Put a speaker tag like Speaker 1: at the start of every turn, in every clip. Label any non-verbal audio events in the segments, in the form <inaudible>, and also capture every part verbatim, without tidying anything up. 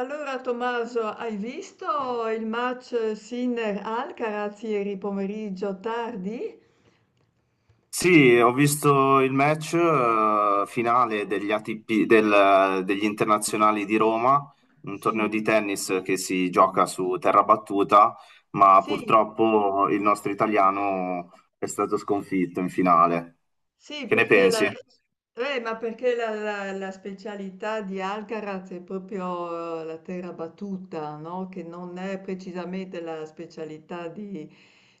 Speaker 1: Allora, Tommaso, hai visto il match Sinner-Alcaraz ieri pomeriggio tardi?
Speaker 2: Sì, ho visto il match eh, finale degli A T P, del- degli internazionali di Roma, un torneo
Speaker 1: Sì,
Speaker 2: di tennis che si gioca su terra battuta, ma
Speaker 1: sì,
Speaker 2: purtroppo il nostro italiano è stato sconfitto in finale.
Speaker 1: sì,
Speaker 2: Che ne
Speaker 1: perché la,
Speaker 2: pensi?
Speaker 1: eh, ma perché la, la- la specialità di Alcaraz è proprio eh, la terra battuta, no? Che non è precisamente la specialità di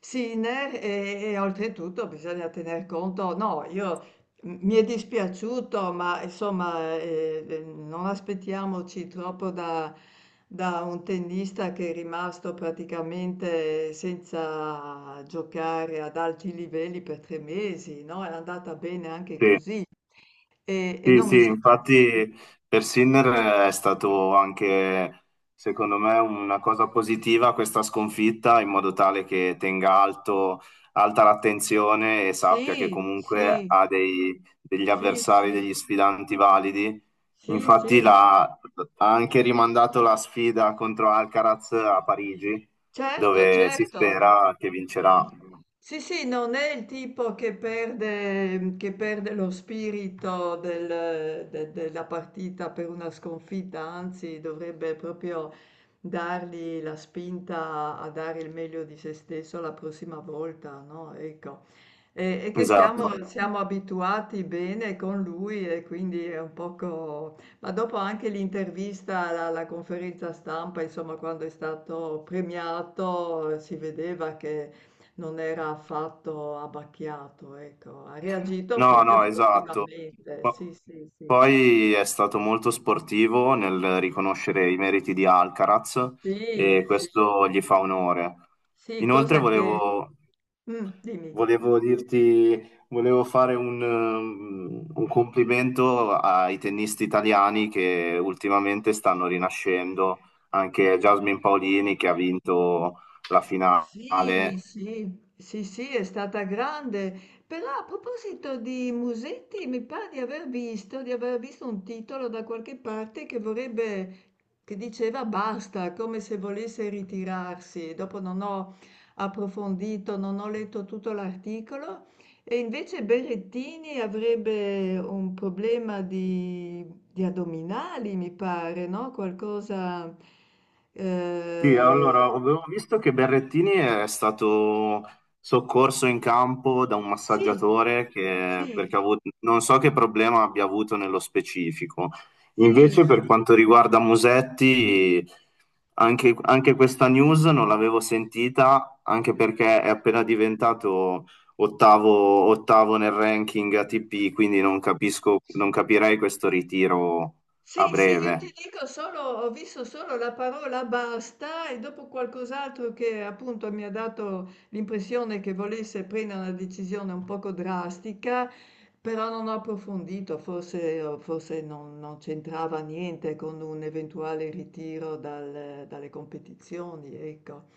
Speaker 1: Sinner e, e oltretutto bisogna tener conto, no, io M- Mi è dispiaciuto, ma insomma, eh, eh, non aspettiamoci troppo da, da un tennista che è rimasto praticamente senza giocare ad alti livelli per tre mesi, no? È andata bene anche
Speaker 2: Sì.
Speaker 1: così. E, e
Speaker 2: Sì,
Speaker 1: non mi
Speaker 2: sì,
Speaker 1: sa.
Speaker 2: infatti per Sinner è stato anche, secondo me, una cosa positiva questa sconfitta, in modo tale che tenga alto, alta l'attenzione e sappia che
Speaker 1: Sì,
Speaker 2: comunque
Speaker 1: sì,
Speaker 2: ha dei- degli
Speaker 1: sì, sì,
Speaker 2: avversari,
Speaker 1: sì,
Speaker 2: degli sfidanti validi.
Speaker 1: sì, sì,
Speaker 2: Infatti
Speaker 1: sì,
Speaker 2: l'ha- ha anche rimandato la sfida contro Alcaraz a Parigi,
Speaker 1: certo,
Speaker 2: dove si
Speaker 1: certo.
Speaker 2: spera che vincerà.
Speaker 1: Sì, sì, non è il tipo che perde, che perde lo spirito del- de- della partita per una sconfitta, anzi dovrebbe proprio dargli la spinta a dare il meglio di se stesso la prossima volta, no? Ecco. E, e che siamo,
Speaker 2: Esatto.
Speaker 1: esatto, siamo abituati bene con lui e quindi è un poco. Ma dopo anche l'intervista alla, alla conferenza stampa, insomma, quando è stato premiato, si vedeva che non era affatto abbacchiato, ecco, ha reagito
Speaker 2: No,
Speaker 1: proprio
Speaker 2: no, esatto.
Speaker 1: sportivamente, sì,
Speaker 2: Po-
Speaker 1: sì, sì.
Speaker 2: Poi è stato molto sportivo nel riconoscere i meriti di Alcaraz
Speaker 1: Sì,
Speaker 2: e
Speaker 1: sì,
Speaker 2: questo gli fa onore.
Speaker 1: sì,
Speaker 2: Inoltre
Speaker 1: cosa che.
Speaker 2: volevo,
Speaker 1: Mm, dimmi.
Speaker 2: volevo dirti, volevo fare un, um, un complimento ai tennisti italiani che ultimamente stanno rinascendo, anche Jasmine Paolini che ha vinto la
Speaker 1: Sì,
Speaker 2: finale.
Speaker 1: sì, sì, sì, è stata grande. Però a proposito di Musetti, mi pare di aver visto, di aver visto un titolo da qualche parte che vorrebbe, che diceva basta, come se volesse ritirarsi. Dopo non ho approfondito, non ho letto tutto l'articolo. E invece Berrettini avrebbe un problema di, di addominali, mi pare, no? Qualcosa.
Speaker 2: Sì,
Speaker 1: eh,
Speaker 2: allora, avevo visto che Berrettini è stato soccorso in campo da un
Speaker 1: sì.
Speaker 2: massaggiatore che,
Speaker 1: Sì,
Speaker 2: perché ha avuto, non so che problema abbia avuto nello specifico.
Speaker 1: sì,
Speaker 2: Invece, per quanto riguarda Musetti, anche, anche questa news non l'avevo sentita, anche perché è appena diventato ottavo, ottavo nel ranking A T P, quindi non capisco, non capirei questo ritiro a
Speaker 1: sì, sì, io
Speaker 2: breve.
Speaker 1: ti dico solo, ho visto solo la parola basta e dopo qualcos'altro che appunto mi ha dato l'impressione che volesse prendere una decisione un poco drastica, però non ho approfondito, forse, forse non, non c'entrava niente con un eventuale ritiro dal- dalle competizioni, ecco.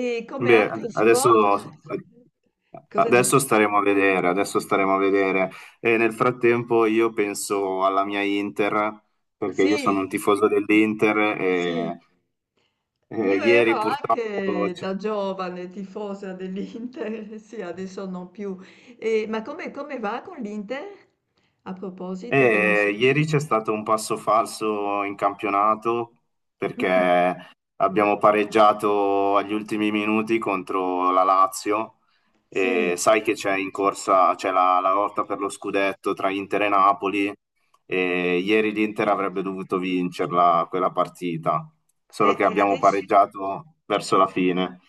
Speaker 1: E come
Speaker 2: Beh, ad-
Speaker 1: altri
Speaker 2: adesso,
Speaker 1: sport? Cosa
Speaker 2: adesso
Speaker 1: dici?
Speaker 2: staremo a vedere, adesso staremo a vedere. E nel frattempo io penso alla mia Inter, perché io
Speaker 1: Sì,
Speaker 2: sono un tifoso dell'Inter
Speaker 1: sì.
Speaker 2: e, e
Speaker 1: Io
Speaker 2: ieri
Speaker 1: ero
Speaker 2: purtroppo...
Speaker 1: anche da giovane tifosa dell'Inter, <laughs> sì, adesso non più. E- ma come, come va con l'Inter? A proposito che non si.
Speaker 2: E ieri c'è stato un passo falso in campionato
Speaker 1: Mm,
Speaker 2: perché abbiamo pareggiato agli ultimi minuti contro la Lazio e
Speaker 1: sì,
Speaker 2: sai che c'è in corsa, c'è la, la lotta per lo scudetto tra Inter e Napoli e ieri l'Inter avrebbe dovuto vincerla quella partita,
Speaker 1: e,
Speaker 2: solo che
Speaker 1: e
Speaker 2: abbiamo
Speaker 1: adesso
Speaker 2: pareggiato verso la fine.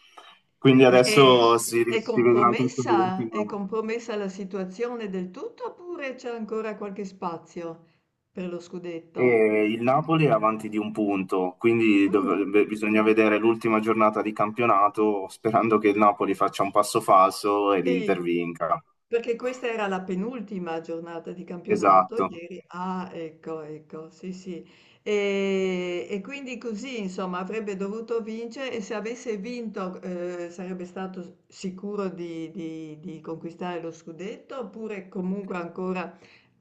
Speaker 2: Quindi
Speaker 1: e- e-
Speaker 2: adesso si,
Speaker 1: è,
Speaker 2: si vedrà tutto
Speaker 1: compromessa? È
Speaker 2: l'ultimo.
Speaker 1: compromessa la situazione del tutto oppure c'è ancora qualche spazio per lo scudetto?
Speaker 2: E il Napoli è avanti di un punto, quindi
Speaker 1: Mm.
Speaker 2: dovrebbe- bisogna vedere l'ultima giornata di campionato sperando che il Napoli faccia un passo falso e
Speaker 1: Sì,
Speaker 2: l'Inter vinca.
Speaker 1: perché questa era la penultima giornata di campionato
Speaker 2: Esatto.
Speaker 1: ieri. Ah, ecco, ecco, sì, sì. E, e quindi così, insomma, avrebbe dovuto vincere e se avesse vinto eh, sarebbe stato sicuro di, di- di conquistare lo scudetto oppure comunque ancora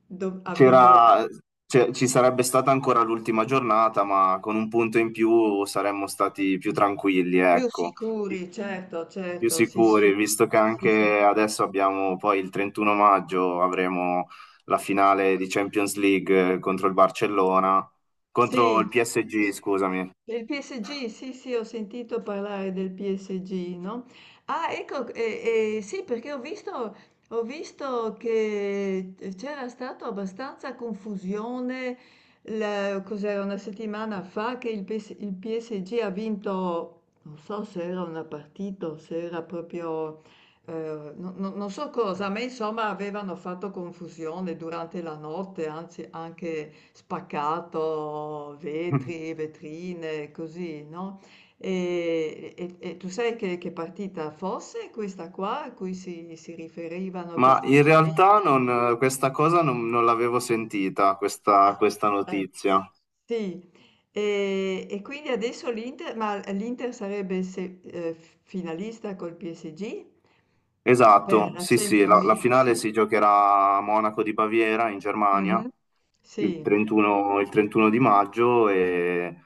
Speaker 1: dov- avrebbe.
Speaker 2: C'era- c'è- Ci sarebbe stata ancora l'ultima giornata, ma con un punto in più saremmo stati più tranquilli,
Speaker 1: Più
Speaker 2: ecco.
Speaker 1: sicuri, certo,
Speaker 2: Più
Speaker 1: certo, sì, sì,
Speaker 2: sicuri, visto che
Speaker 1: sì, sì.
Speaker 2: anche adesso abbiamo poi il trentuno maggio avremo la finale di Champions League eh, contro il Barcellona, contro
Speaker 1: Sì,
Speaker 2: il P S G, scusami.
Speaker 1: del P S G, sì, sì, ho sentito parlare del P S G, no? Ah, ecco, eh, eh, sì, perché ho visto, ho visto che c'era stata abbastanza confusione, la- cos'era una settimana fa, che il P S il P S G ha vinto, non so se era una partita o se era proprio. Ehm, no, no, non so cosa, a me insomma avevano fatto confusione durante la notte, anzi anche spaccato vetri,
Speaker 2: <laughs>
Speaker 1: vetrine, così, no, e e e tu sai che che partita fosse questa qua a cui si si riferivano
Speaker 2: Ma
Speaker 1: questi
Speaker 2: in
Speaker 1: inciden.
Speaker 2: realtà non, questa cosa non, non l'avevo sentita, questa,
Speaker 1: Ah,
Speaker 2: questa
Speaker 1: eh,
Speaker 2: notizia.
Speaker 1: sì, ehm, e quindi adesso l'Inter ma l'Inter sarebbe se ehm, f finalista col P S G per
Speaker 2: Esatto,
Speaker 1: la
Speaker 2: sì, sì,
Speaker 1: Champions
Speaker 2: la, la
Speaker 1: League,
Speaker 2: finale
Speaker 1: sì.
Speaker 2: si giocherà a Monaco di Baviera in Germania
Speaker 1: Mh-mh, sì,
Speaker 2: il trentuno, il trentuno di maggio e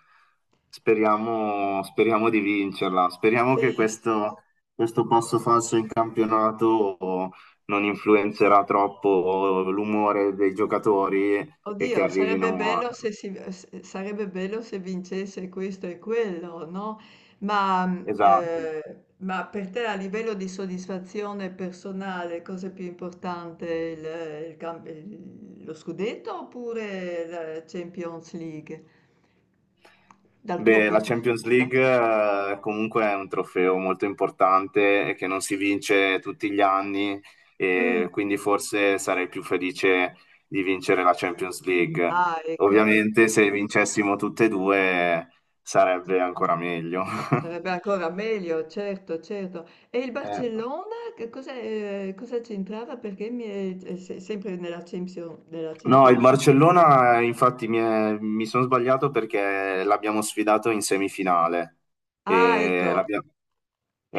Speaker 2: speriamo, speriamo di vincerla. Speriamo che
Speaker 1: sì.
Speaker 2: questo, questo passo falso in campionato non influenzerà troppo l'umore dei giocatori e che
Speaker 1: Oddio, sarebbe
Speaker 2: arrivino a...
Speaker 1: bello se, si- se- sarebbe bello se vincesse questo e quello, no? Ma, mh,
Speaker 2: Esatto.
Speaker 1: eh, ma per te a livello di soddisfazione personale, cosa è più importante, il- il camp- il- lo scudetto oppure la Champions League, dal tuo
Speaker 2: Beh, la
Speaker 1: punto di
Speaker 2: Champions
Speaker 1: vista?
Speaker 2: League eh, comunque è un trofeo molto importante e che non si vince tutti gli anni
Speaker 1: Mm.
Speaker 2: e quindi forse sarei più felice di vincere la Champions League.
Speaker 1: Ah, ecco, ecco.
Speaker 2: Ovviamente se vincessimo tutte e due sarebbe ancora meglio.
Speaker 1: Sarebbe
Speaker 2: <laughs>
Speaker 1: ancora meglio, certo, certo. E il
Speaker 2: Eh.
Speaker 1: Barcellona, che cosa, eh, cosa c'entrava? Perché mi è, è se- sempre nella Champions, nella
Speaker 2: No, il
Speaker 1: Champions League.
Speaker 2: Barcellona, eh, infatti, mi, è- mi sono sbagliato perché l'abbiamo sfidato in semifinale.
Speaker 1: Ah,
Speaker 2: E
Speaker 1: ecco,
Speaker 2: l'abbia-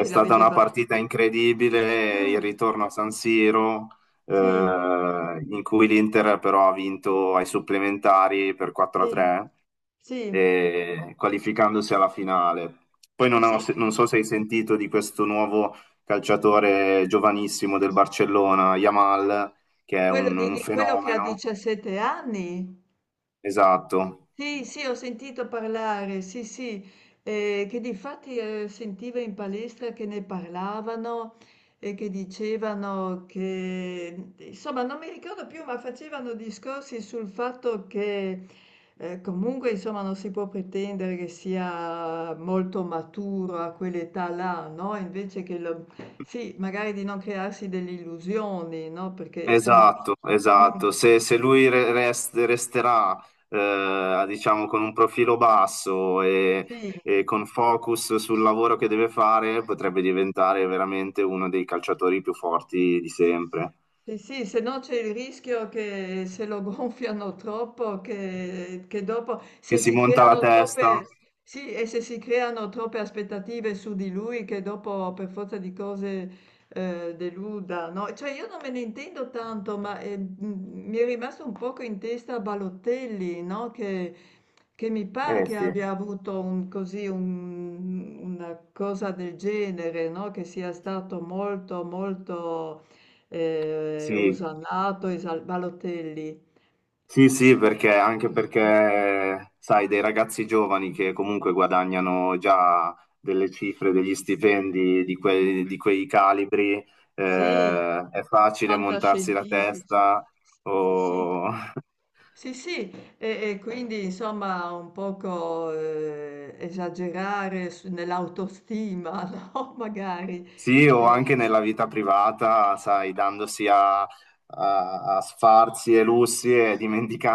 Speaker 1: e
Speaker 2: stata
Speaker 1: l'avete
Speaker 2: una partita
Speaker 1: battuto.
Speaker 2: incredibile, il
Speaker 1: Mm,
Speaker 2: ritorno a San Siro, eh,
Speaker 1: sì,
Speaker 2: in cui l'Inter però ha vinto ai supplementari per
Speaker 1: sì,
Speaker 2: quattro a tre,
Speaker 1: sì,
Speaker 2: eh, qualificandosi alla finale. Poi
Speaker 1: sì,
Speaker 2: non, ho-
Speaker 1: sì,
Speaker 2: non so se hai sentito di questo nuovo calciatore giovanissimo del Barcellona, Yamal, che è
Speaker 1: quello,
Speaker 2: un
Speaker 1: di-
Speaker 2: un
Speaker 1: di- quello che ha
Speaker 2: fenomeno.
Speaker 1: diciassette anni.
Speaker 2: Esatto,
Speaker 1: Sì, sì, ho sentito parlare, sì, sì, eh, che difatti eh, sentivo in palestra che ne parlavano e che dicevano che, insomma, non mi ricordo più, ma facevano discorsi sul fatto che eh, comunque, insomma, non si può pretendere che sia molto maturo a quell'età là, no? Invece che, lo- sì, magari di non crearsi delle illusioni, no? Perché, insomma,
Speaker 2: esatto,
Speaker 1: mm,
Speaker 2: esatto. Se, se lui re- rest- resterà, eh, diciamo, con un profilo basso e,
Speaker 1: sì.
Speaker 2: e con focus sul lavoro che deve fare, potrebbe diventare veramente uno dei calciatori più forti di sempre.
Speaker 1: Sì, sì, se no c'è il rischio che se lo <laughs> gonfiano troppo, che, che dopo,
Speaker 2: Che
Speaker 1: se
Speaker 2: si
Speaker 1: si
Speaker 2: monta la
Speaker 1: creano troppe,
Speaker 2: testa.
Speaker 1: sì, e se si creano troppe aspettative su di lui, che dopo per forza di cose eh, deluda, no? Cioè io non me ne intendo tanto, ma eh, m- mi è rimasto un poco in testa Balotelli, no? Che, che mi pare
Speaker 2: Eh
Speaker 1: che
Speaker 2: sì,
Speaker 1: abbia avuto un- così un- una cosa del genere, no? Che sia stato molto, molto, ehm,
Speaker 2: sì.
Speaker 1: osannato, Esal Balotelli.
Speaker 2: Sì, sì, perché anche perché, sai, dei ragazzi giovani che comunque guadagnano già delle cifre, degli stipendi di quei, di quei calibri,
Speaker 1: Sì,
Speaker 2: eh, è facile montarsi la
Speaker 1: fantascientifici.
Speaker 2: testa
Speaker 1: Sì, sì.
Speaker 2: o... <laughs>
Speaker 1: Sì, sì, e, e quindi insomma un poco eh, esagerare su- nell'autostima, <laughs> no? Magari.
Speaker 2: Sì, o
Speaker 1: E,
Speaker 2: anche nella vita privata, sai, dandosi a, a- a sfarzi e lussi e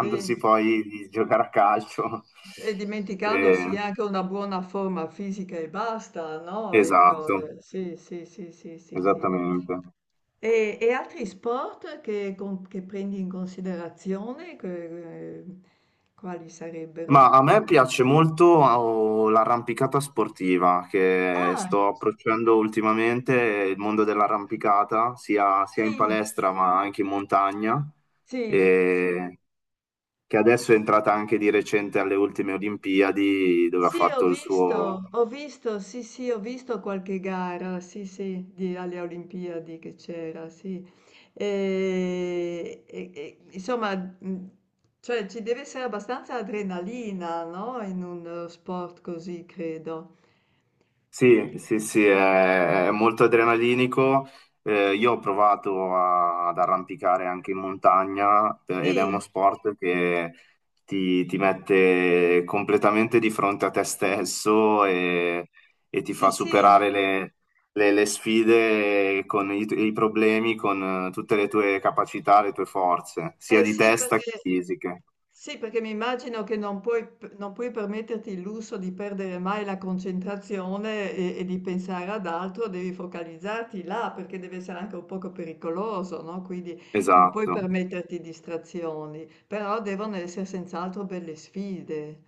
Speaker 1: e-
Speaker 2: poi di giocare a calcio.
Speaker 1: e dimenticandosi
Speaker 2: Eh,
Speaker 1: anche una buona forma fisica e basta, no? Ecco,
Speaker 2: esatto,
Speaker 1: eh, sì, sì, sì, sì, sì, sì.
Speaker 2: esattamente.
Speaker 1: E, e altri sport che, con- che prendi in considerazione, che- eh, quali
Speaker 2: Ma
Speaker 1: sarebbero?
Speaker 2: a me piace molto oh, l'arrampicata sportiva che
Speaker 1: Ah,
Speaker 2: sto approcciando ultimamente, il mondo dell'arrampicata, sia, sia in
Speaker 1: sì,
Speaker 2: palestra ma anche in montagna,
Speaker 1: sì,
Speaker 2: e che adesso è entrata anche di recente alle ultime Olimpiadi dove ha
Speaker 1: sì, ho
Speaker 2: fatto il suo.
Speaker 1: visto, ho visto, sì, sì, ho visto qualche gara, sì, sì, di- alle Olimpiadi che c'era, sì. E, e- e, insomma, mh, cioè, ci deve essere abbastanza adrenalina, no? In un eh, sport così, credo.
Speaker 2: Sì, sì, sì, è, è molto adrenalinico. Eh, io ho provato a- ad arrampicare anche in montagna eh, ed è uno
Speaker 1: Sì,
Speaker 2: sport che ti, ti mette completamente di fronte a te stesso e, e ti
Speaker 1: sì,
Speaker 2: fa
Speaker 1: sì,
Speaker 2: superare le, le- le sfide con i, tu- i problemi, con eh, tutte le tue capacità, le tue forze, sia
Speaker 1: Eh
Speaker 2: di
Speaker 1: sì,
Speaker 2: testa che
Speaker 1: perché
Speaker 2: fisiche.
Speaker 1: sì, perché mi immagino che non puoi, p- non puoi permetterti il lusso di perdere mai la concentrazione e, e di pensare ad altro, devi focalizzarti là perché deve essere anche un poco pericoloso, no? Quindi non puoi
Speaker 2: Esatto.
Speaker 1: permetterti distrazioni, però devono essere senz'altro belle sfide.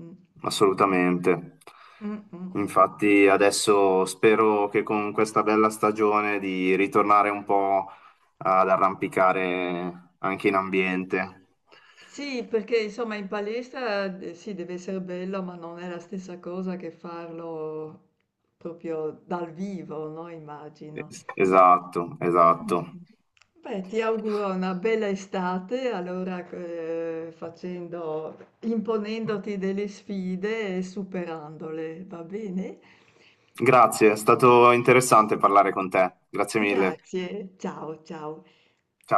Speaker 1: Mm,
Speaker 2: Assolutamente.
Speaker 1: mm, mm, mm.
Speaker 2: Infatti adesso spero che con questa bella stagione di ritornare un po' ad arrampicare anche in ambiente.
Speaker 1: Sì, perché insomma in palestra eh, sì, deve essere bello, ma non è la stessa cosa che farlo proprio dal vivo, no? Immagino.
Speaker 2: Es-
Speaker 1: <laughs>
Speaker 2: Esatto,
Speaker 1: Mm.
Speaker 2: esatto.
Speaker 1: Beh, ti auguro una bella estate, allora eh, facendo, imponendoti delle sfide e superandole, va bene?
Speaker 2: Grazie, è stato interessante parlare con te. Grazie mille.
Speaker 1: Grazie, ciao ciao.
Speaker 2: Ciao.